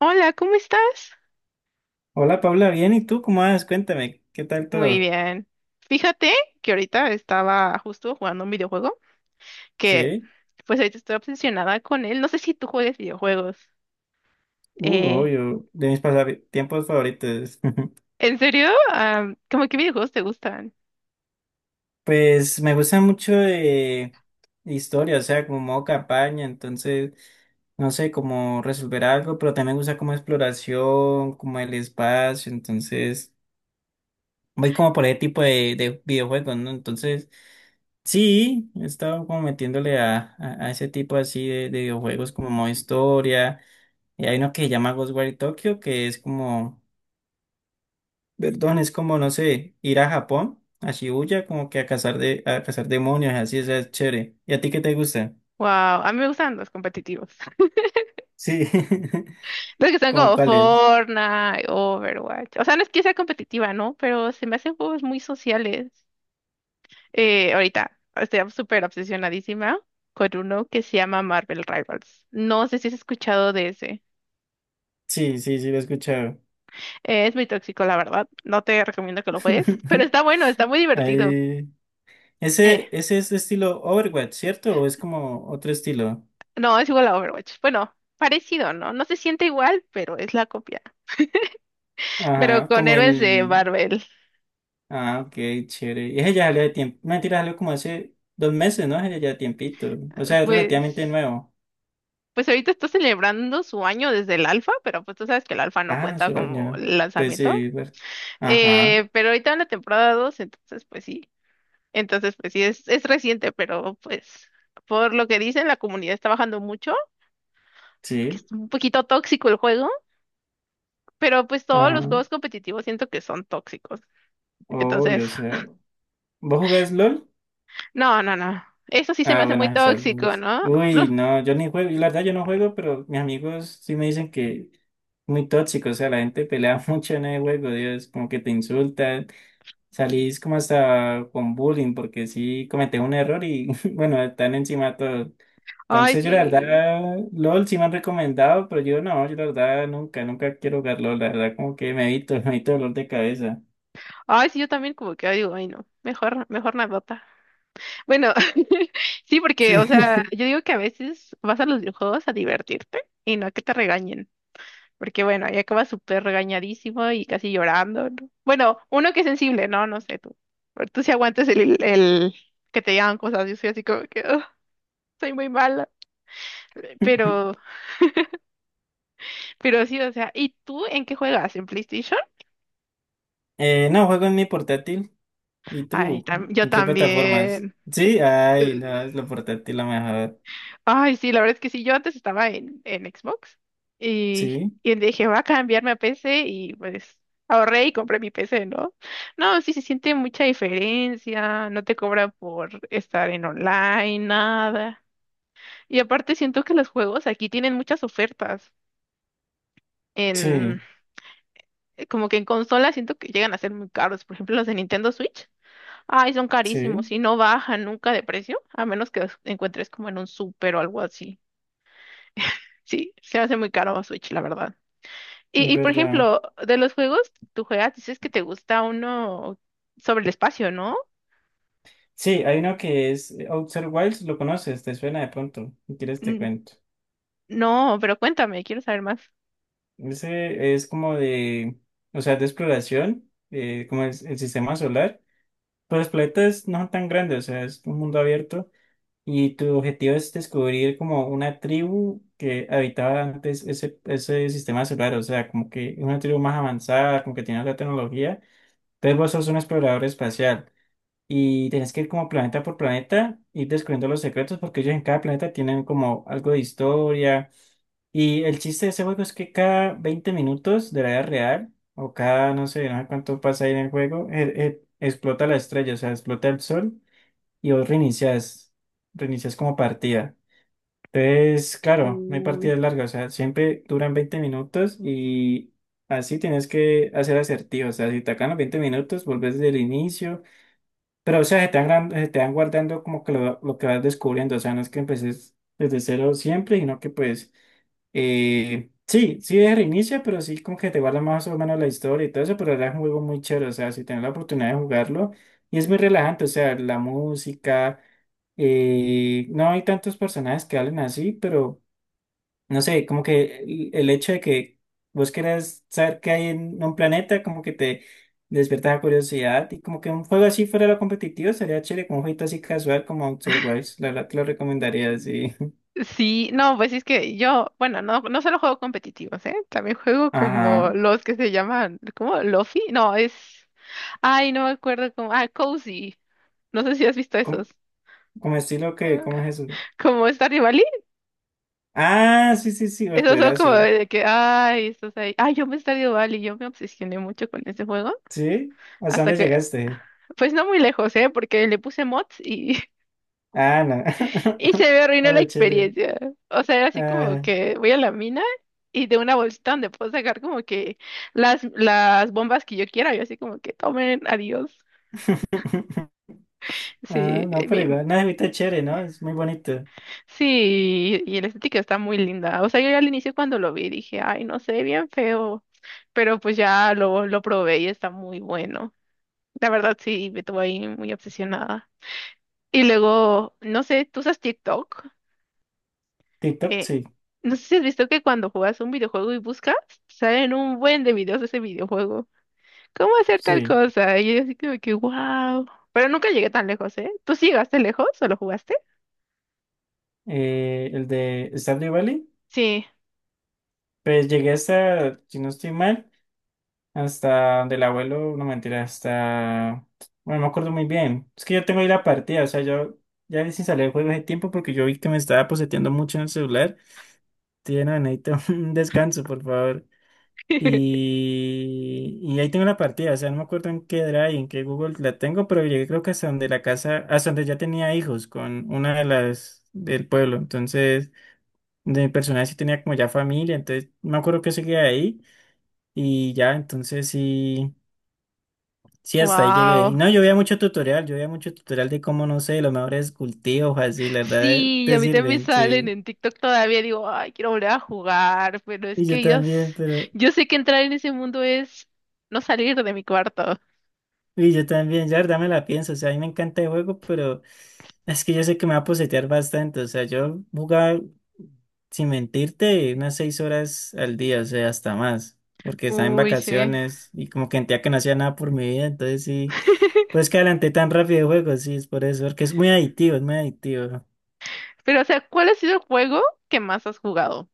Hola, ¿cómo estás? Hola Paula, bien, ¿y tú cómo vas? Cuéntame, ¿qué tal Muy todo? bien. Fíjate que ahorita estaba justo jugando un videojuego que Sí. pues ahorita estoy obsesionada con él. No sé si tú juegues videojuegos. Eh, Obvio, de mis pasatiempos favoritos. ¿En serio? ¿Cómo qué videojuegos te gustan? Pues me gusta mucho de historia, o sea, como modo campaña, entonces, no sé, cómo resolver algo, pero también me gusta como exploración, como el espacio, entonces, voy como por ese tipo de videojuegos, ¿no? Entonces, sí, he estado como metiéndole a, a ese tipo así de videojuegos como modo historia. Y hay uno que se llama Ghostwire Tokyo, que es como, perdón, es como, no sé, ir a Japón, a Shibuya, como que a cazar demonios, así, o sea, es chévere. ¿Y a ti qué te gusta? Wow, a mí me gustan los competitivos. Sí. Los que son ¿Cómo como cuál es? Fortnite, Overwatch. O sea, no es que sea competitiva, ¿no? Pero se me hacen juegos muy sociales. Ahorita estoy súper obsesionadísima con uno que se llama Marvel Rivals. No sé si has escuchado de ese. Sí, sí, sí, lo he escuchado. Es muy tóxico, la verdad. No te recomiendo que lo juegues, pero está bueno, está muy divertido. Ahí- Eh, ese es de estilo Overwatch, ¿cierto? ¿O es como otro estilo? no, es igual a Overwatch. Bueno, parecido, ¿no? No se siente igual, pero es la copia. Pero Ajá, con como héroes de el... Marvel, Ah, ok, chévere. Y ese ya salió de tiempo. No, mentira, salió como hace 2 meses, ¿no? Ese ya tiempito. O sea, es relativamente pues, nuevo. pues ahorita está celebrando su año desde el alfa, pero pues tú sabes que el alfa no Ah, cuenta como sueño. Pues lanzamiento. sí, ajá, Pero ahorita en la temporada 2 entonces pues sí. Entonces pues sí, es reciente, pero pues por lo que dicen, la comunidad está bajando mucho, porque es sí, un poquito tóxico el juego. Pero pues todos ajá, los juegos competitivos siento que son tóxicos. Entonces, obvio, o sea. ¿Vos jugás LOL? no, no, no. Eso sí se me Ah, hace bueno, muy esa. tóxico, Pues, ¿no? uy, Los- no, yo ni juego, y la verdad yo no juego, pero mis amigos sí me dicen que es muy tóxico, o sea, la gente pelea mucho en el juego, Dios, como que te insultan. Salís como hasta con bullying porque sí cometés un error y bueno, están encima todos. Ay, Entonces yo la sí. verdad, LOL sí me han recomendado, pero yo no, yo la verdad nunca, nunca quiero jugar LOL, la verdad como que me evito, me evito dolor de cabeza. Ay, sí, yo también como que ay, digo, ay, no. Mejor, mejor nadota. Bueno, sí, Sí. porque, o sea, yo digo que a veces vas a los videojuegos a divertirte y no a que te regañen. Porque, bueno, ahí acabas súper regañadísimo y casi llorando, ¿no? Bueno, uno que es sensible, ¿no? No sé, tú. Pero tú sí aguantas el que te digan cosas. Yo soy así como que, "Ugh, soy muy mala". Pero Pero sí, o sea, ¿y tú en qué juegas? ¿En PlayStation? No, juego en mi portátil. ¿Y Ay, tú? tam- yo ¿En qué plataformas? también. Sí, Eh, ay, no, es la portátil la mejor. Ay, sí, la verdad es que sí, yo antes estaba en Xbox y, Sí, y dije, voy a cambiarme a PC y pues ahorré y compré mi PC, ¿no? No, sí se siente mucha diferencia, no te cobran por estar en online, nada. Y aparte siento que los juegos aquí tienen muchas ofertas. En, sí, como que en consola siento que llegan a ser muy caros, por ejemplo, los de Nintendo Switch. Ay, son carísimos sí, y no bajan nunca de precio, a menos que los encuentres como en un súper o algo así. Sí, se hace muy caro Switch, la verdad. Y, es y por verdad. ejemplo, de los juegos, tú juegas, dices que te gusta uno sobre el espacio, ¿no? Sí, hay uno que es Outer Wilds, ¿lo conoces? ¿Te suena de pronto? Si quieres te N- cuento. No, pero cuéntame, quiero saber más. Ese es como de, o sea, de exploración, como es el sistema solar. Pero los planetas no son tan grandes, o sea, es un mundo abierto. Y tu objetivo es descubrir como una tribu que habitaba antes ese sistema solar, o sea, como que es una tribu más avanzada, como que tiene otra tecnología. Entonces vos sos un explorador espacial y tenés que ir como planeta por planeta, ir descubriendo los secretos, porque ellos en cada planeta tienen como algo de historia y el chiste de ese juego es que cada 20 minutos de la vida real, o cada, no sé, no sé cuánto pasa ahí en el juego, explota la estrella, o sea, explota el sol y vos reinicias, reinicias como partida. Entonces, claro, no hay Uy. partidas largas, o sea, siempre duran 20 minutos y así tienes que hacer asertivo, o sea, si te acaban los 20 minutos, volvés desde el inicio, pero o sea, se te van, se te van guardando como que lo que vas descubriendo, o sea, no es que empeces desde cero siempre, sino que pues... sí, sí es reinicia, pero sí como que te guarda más o menos la historia y todo eso, pero ahora es un juego muy chévere, o sea, si tienes la oportunidad de jugarlo, y es muy relajante, o sea, la música, no hay tantos personajes que hablen así, pero no sé, como que el hecho de que vos querés saber qué hay en un planeta, como que te despierta la curiosidad, y como que un juego así fuera lo competitivo, sería chévere, como un jueguito así casual como Outer Wilds, la verdad te lo recomendaría, sí. Sí, no, pues es que yo, bueno, no, no solo juego competitivos, ¿eh? También juego como Ajá. los que se llaman, ¿cómo? ¿Lofi? No, es... Ay, no me acuerdo cómo... Ah, Cozy. No sé si has visto esos. Como estilo que, ¿cómo es eso? Como Stardew Valley, Ah, sí, sí, sí, esos son como juegazo. de que, ay, estás ahí. Ay, yo me Stardew Valley, yo me obsesioné mucho con ese juego. ¿Sí? ¿Hasta Hasta dónde que, llegaste? pues no muy lejos, ¿eh? Porque le puse mods y, Ah, no. y se me No, arruinó la pero chévere. experiencia. O sea, era así como Ah, que voy a la mina y de una bolsita donde puedo sacar como que las bombas que yo quiera. Yo así como que tomen, adiós. ah Sí, no, pero mi- igual. No, ahorita es chévere, ¿no? Es muy bonito. Sí, y la estética está muy linda. O sea, yo al inicio cuando lo vi dije, ay, no sé, bien feo. Pero pues ya lo probé y está muy bueno. La verdad sí, me tuvo ahí muy obsesionada. Y luego, no sé, ¿tú usas TikTok? TikTok, Eh, sí, no sé si has visto que cuando juegas un videojuego y buscas, salen un buen de videos de ese videojuego. ¿Cómo hacer tal sí. cosa? Y yo así como que, wow. Pero nunca llegué tan lejos, ¿eh? ¿Tú sí llegaste lejos o lo jugaste? El de Stardew Valley, Sí. pues llegué hasta, si no estoy mal, hasta donde el abuelo, no mentira, hasta. Bueno, no me acuerdo muy bien. Es que yo tengo ahí la partida, o sea, yo ya sin salir del juego de tiempo porque yo vi que me estaba poseteando mucho en el celular. Tiene no, necesito un descanso, por favor. Y ahí tengo la partida, o sea, no me acuerdo en qué Drive, en qué Google la tengo, pero llegué creo que hasta donde la casa, hasta donde ya tenía hijos con una de las del pueblo. Entonces, de mi personaje sí tenía como ya familia, entonces me acuerdo que seguía ahí y ya, entonces sí, sí, hasta ahí llegué. Y Wow. no, yo veía mucho tutorial, yo veía mucho tutorial de cómo, no sé, los mejores cultivos, así, la verdad, Sí, y a te mí también me sirven, salen sí. en TikTok todavía, digo, ay, quiero volver a jugar, pero es Y yo que yo, s- también, pero... yo sé que entrar en ese mundo es no salir de mi cuarto. Y yo también, ya la verdad me la pienso, o sea, a mí me encanta el juego, pero es que yo sé que me va a posetear bastante, o sea, yo jugaba, sin mentirte, unas 6 horas al día, o sea, hasta más, porque estaba en Uy, sí. vacaciones y como que sentía que no hacía nada por mi vida, entonces sí, pues que adelanté tan rápido el juego, sí, es por eso, porque es muy adictivo, es muy adictivo. Pero, o sea, ¿cuál ha sido el juego que más has jugado?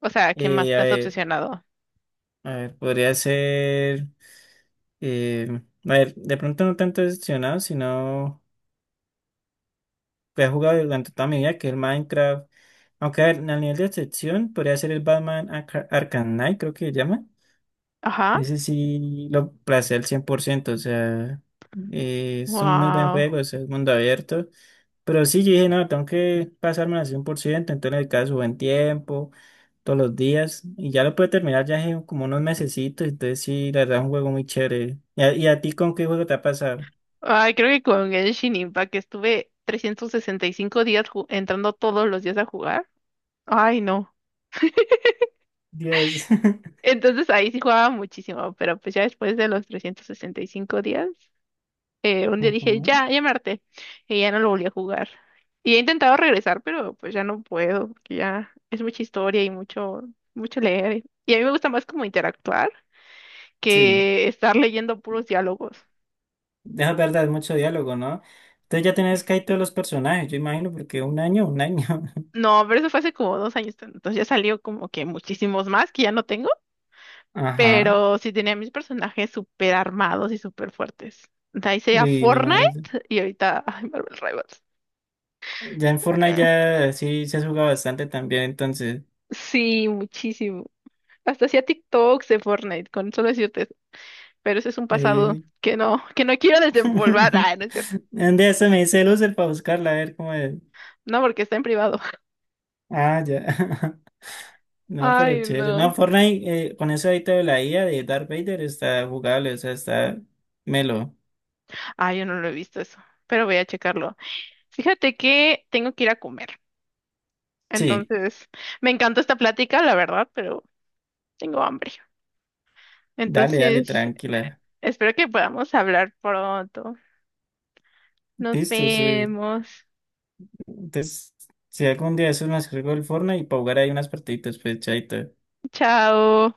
O sea, que más Eh, a te has ver, obsesionado. a ver, podría ser, eh, a ver, de pronto no tanto decepcionado, sino... que he jugado durante toda mi vida, que es el Minecraft. Aunque a ver, al nivel de excepción, podría ser el Batman Arkham Knight, creo que se llama. Ajá. Ese sí lo placé al 100%, o sea, es un muy buen Wow. juego, o sea, es mundo abierto. Pero sí, yo dije, no, tengo que pasarme al 100% entonces el caso buen tiempo, todos los días, y ya lo pude terminar ya en como unos mesecitos, entonces sí, la verdad es un juego muy chévere. ¿Y a ti con qué juego te ha pasado? Ay, creo que con Genshin Impact estuve 365 días ju- entrando todos los días a jugar. Ay, no. Dios. Entonces ahí sí jugaba muchísimo, pero pues ya después de los 365 días. Un día dije, Ujú. ya, ya me harté. Y ya no lo volví a jugar. Y he intentado regresar, pero pues ya no puedo, porque ya es mucha historia y mucho, mucho leer. Y a mí me gusta más como interactuar Sí. que estar leyendo puros diálogos. Es verdad, es mucho diálogo, ¿no? Entonces ya tenés casi todos los personajes, yo imagino, porque un año, un año. No, pero eso fue hace como dos años, entonces ya salió como que muchísimos más que ya no tengo, Ajá. pero sí tenía mis personajes súper armados y súper fuertes. De ahí sería Y mi Fortnite madre. y ahorita, ay, Marvel Rivals. Ya en Fortnite ya sí se juega bastante también, entonces. Sí, muchísimo. Hasta hacía TikToks de Fortnite, con solo decirte pero ese es un pasado Eh... que no quiero desempolvar. Ah, no es cierto. Un día se me dice loser para buscarla, a ver cómo es. No, porque está en privado. Ah, ya. No, pero Ay, chévere. No, no. Fortnite, con eso ahorita de la IA de Darth Vader está jugable, o sea, está melo. Ay, yo no lo he visto eso, pero voy a checarlo. Fíjate que tengo que ir a comer. Sí, Entonces, me encantó esta plática, la verdad, pero tengo hambre. dale, dale, Entonces, eh, tranquila. espero que podamos hablar pronto. Nos Listo, sí. vemos. Entonces, si algún día eso me descargo el Fortnite y para jugar ahí unas partiditas, pues chaito. Chao.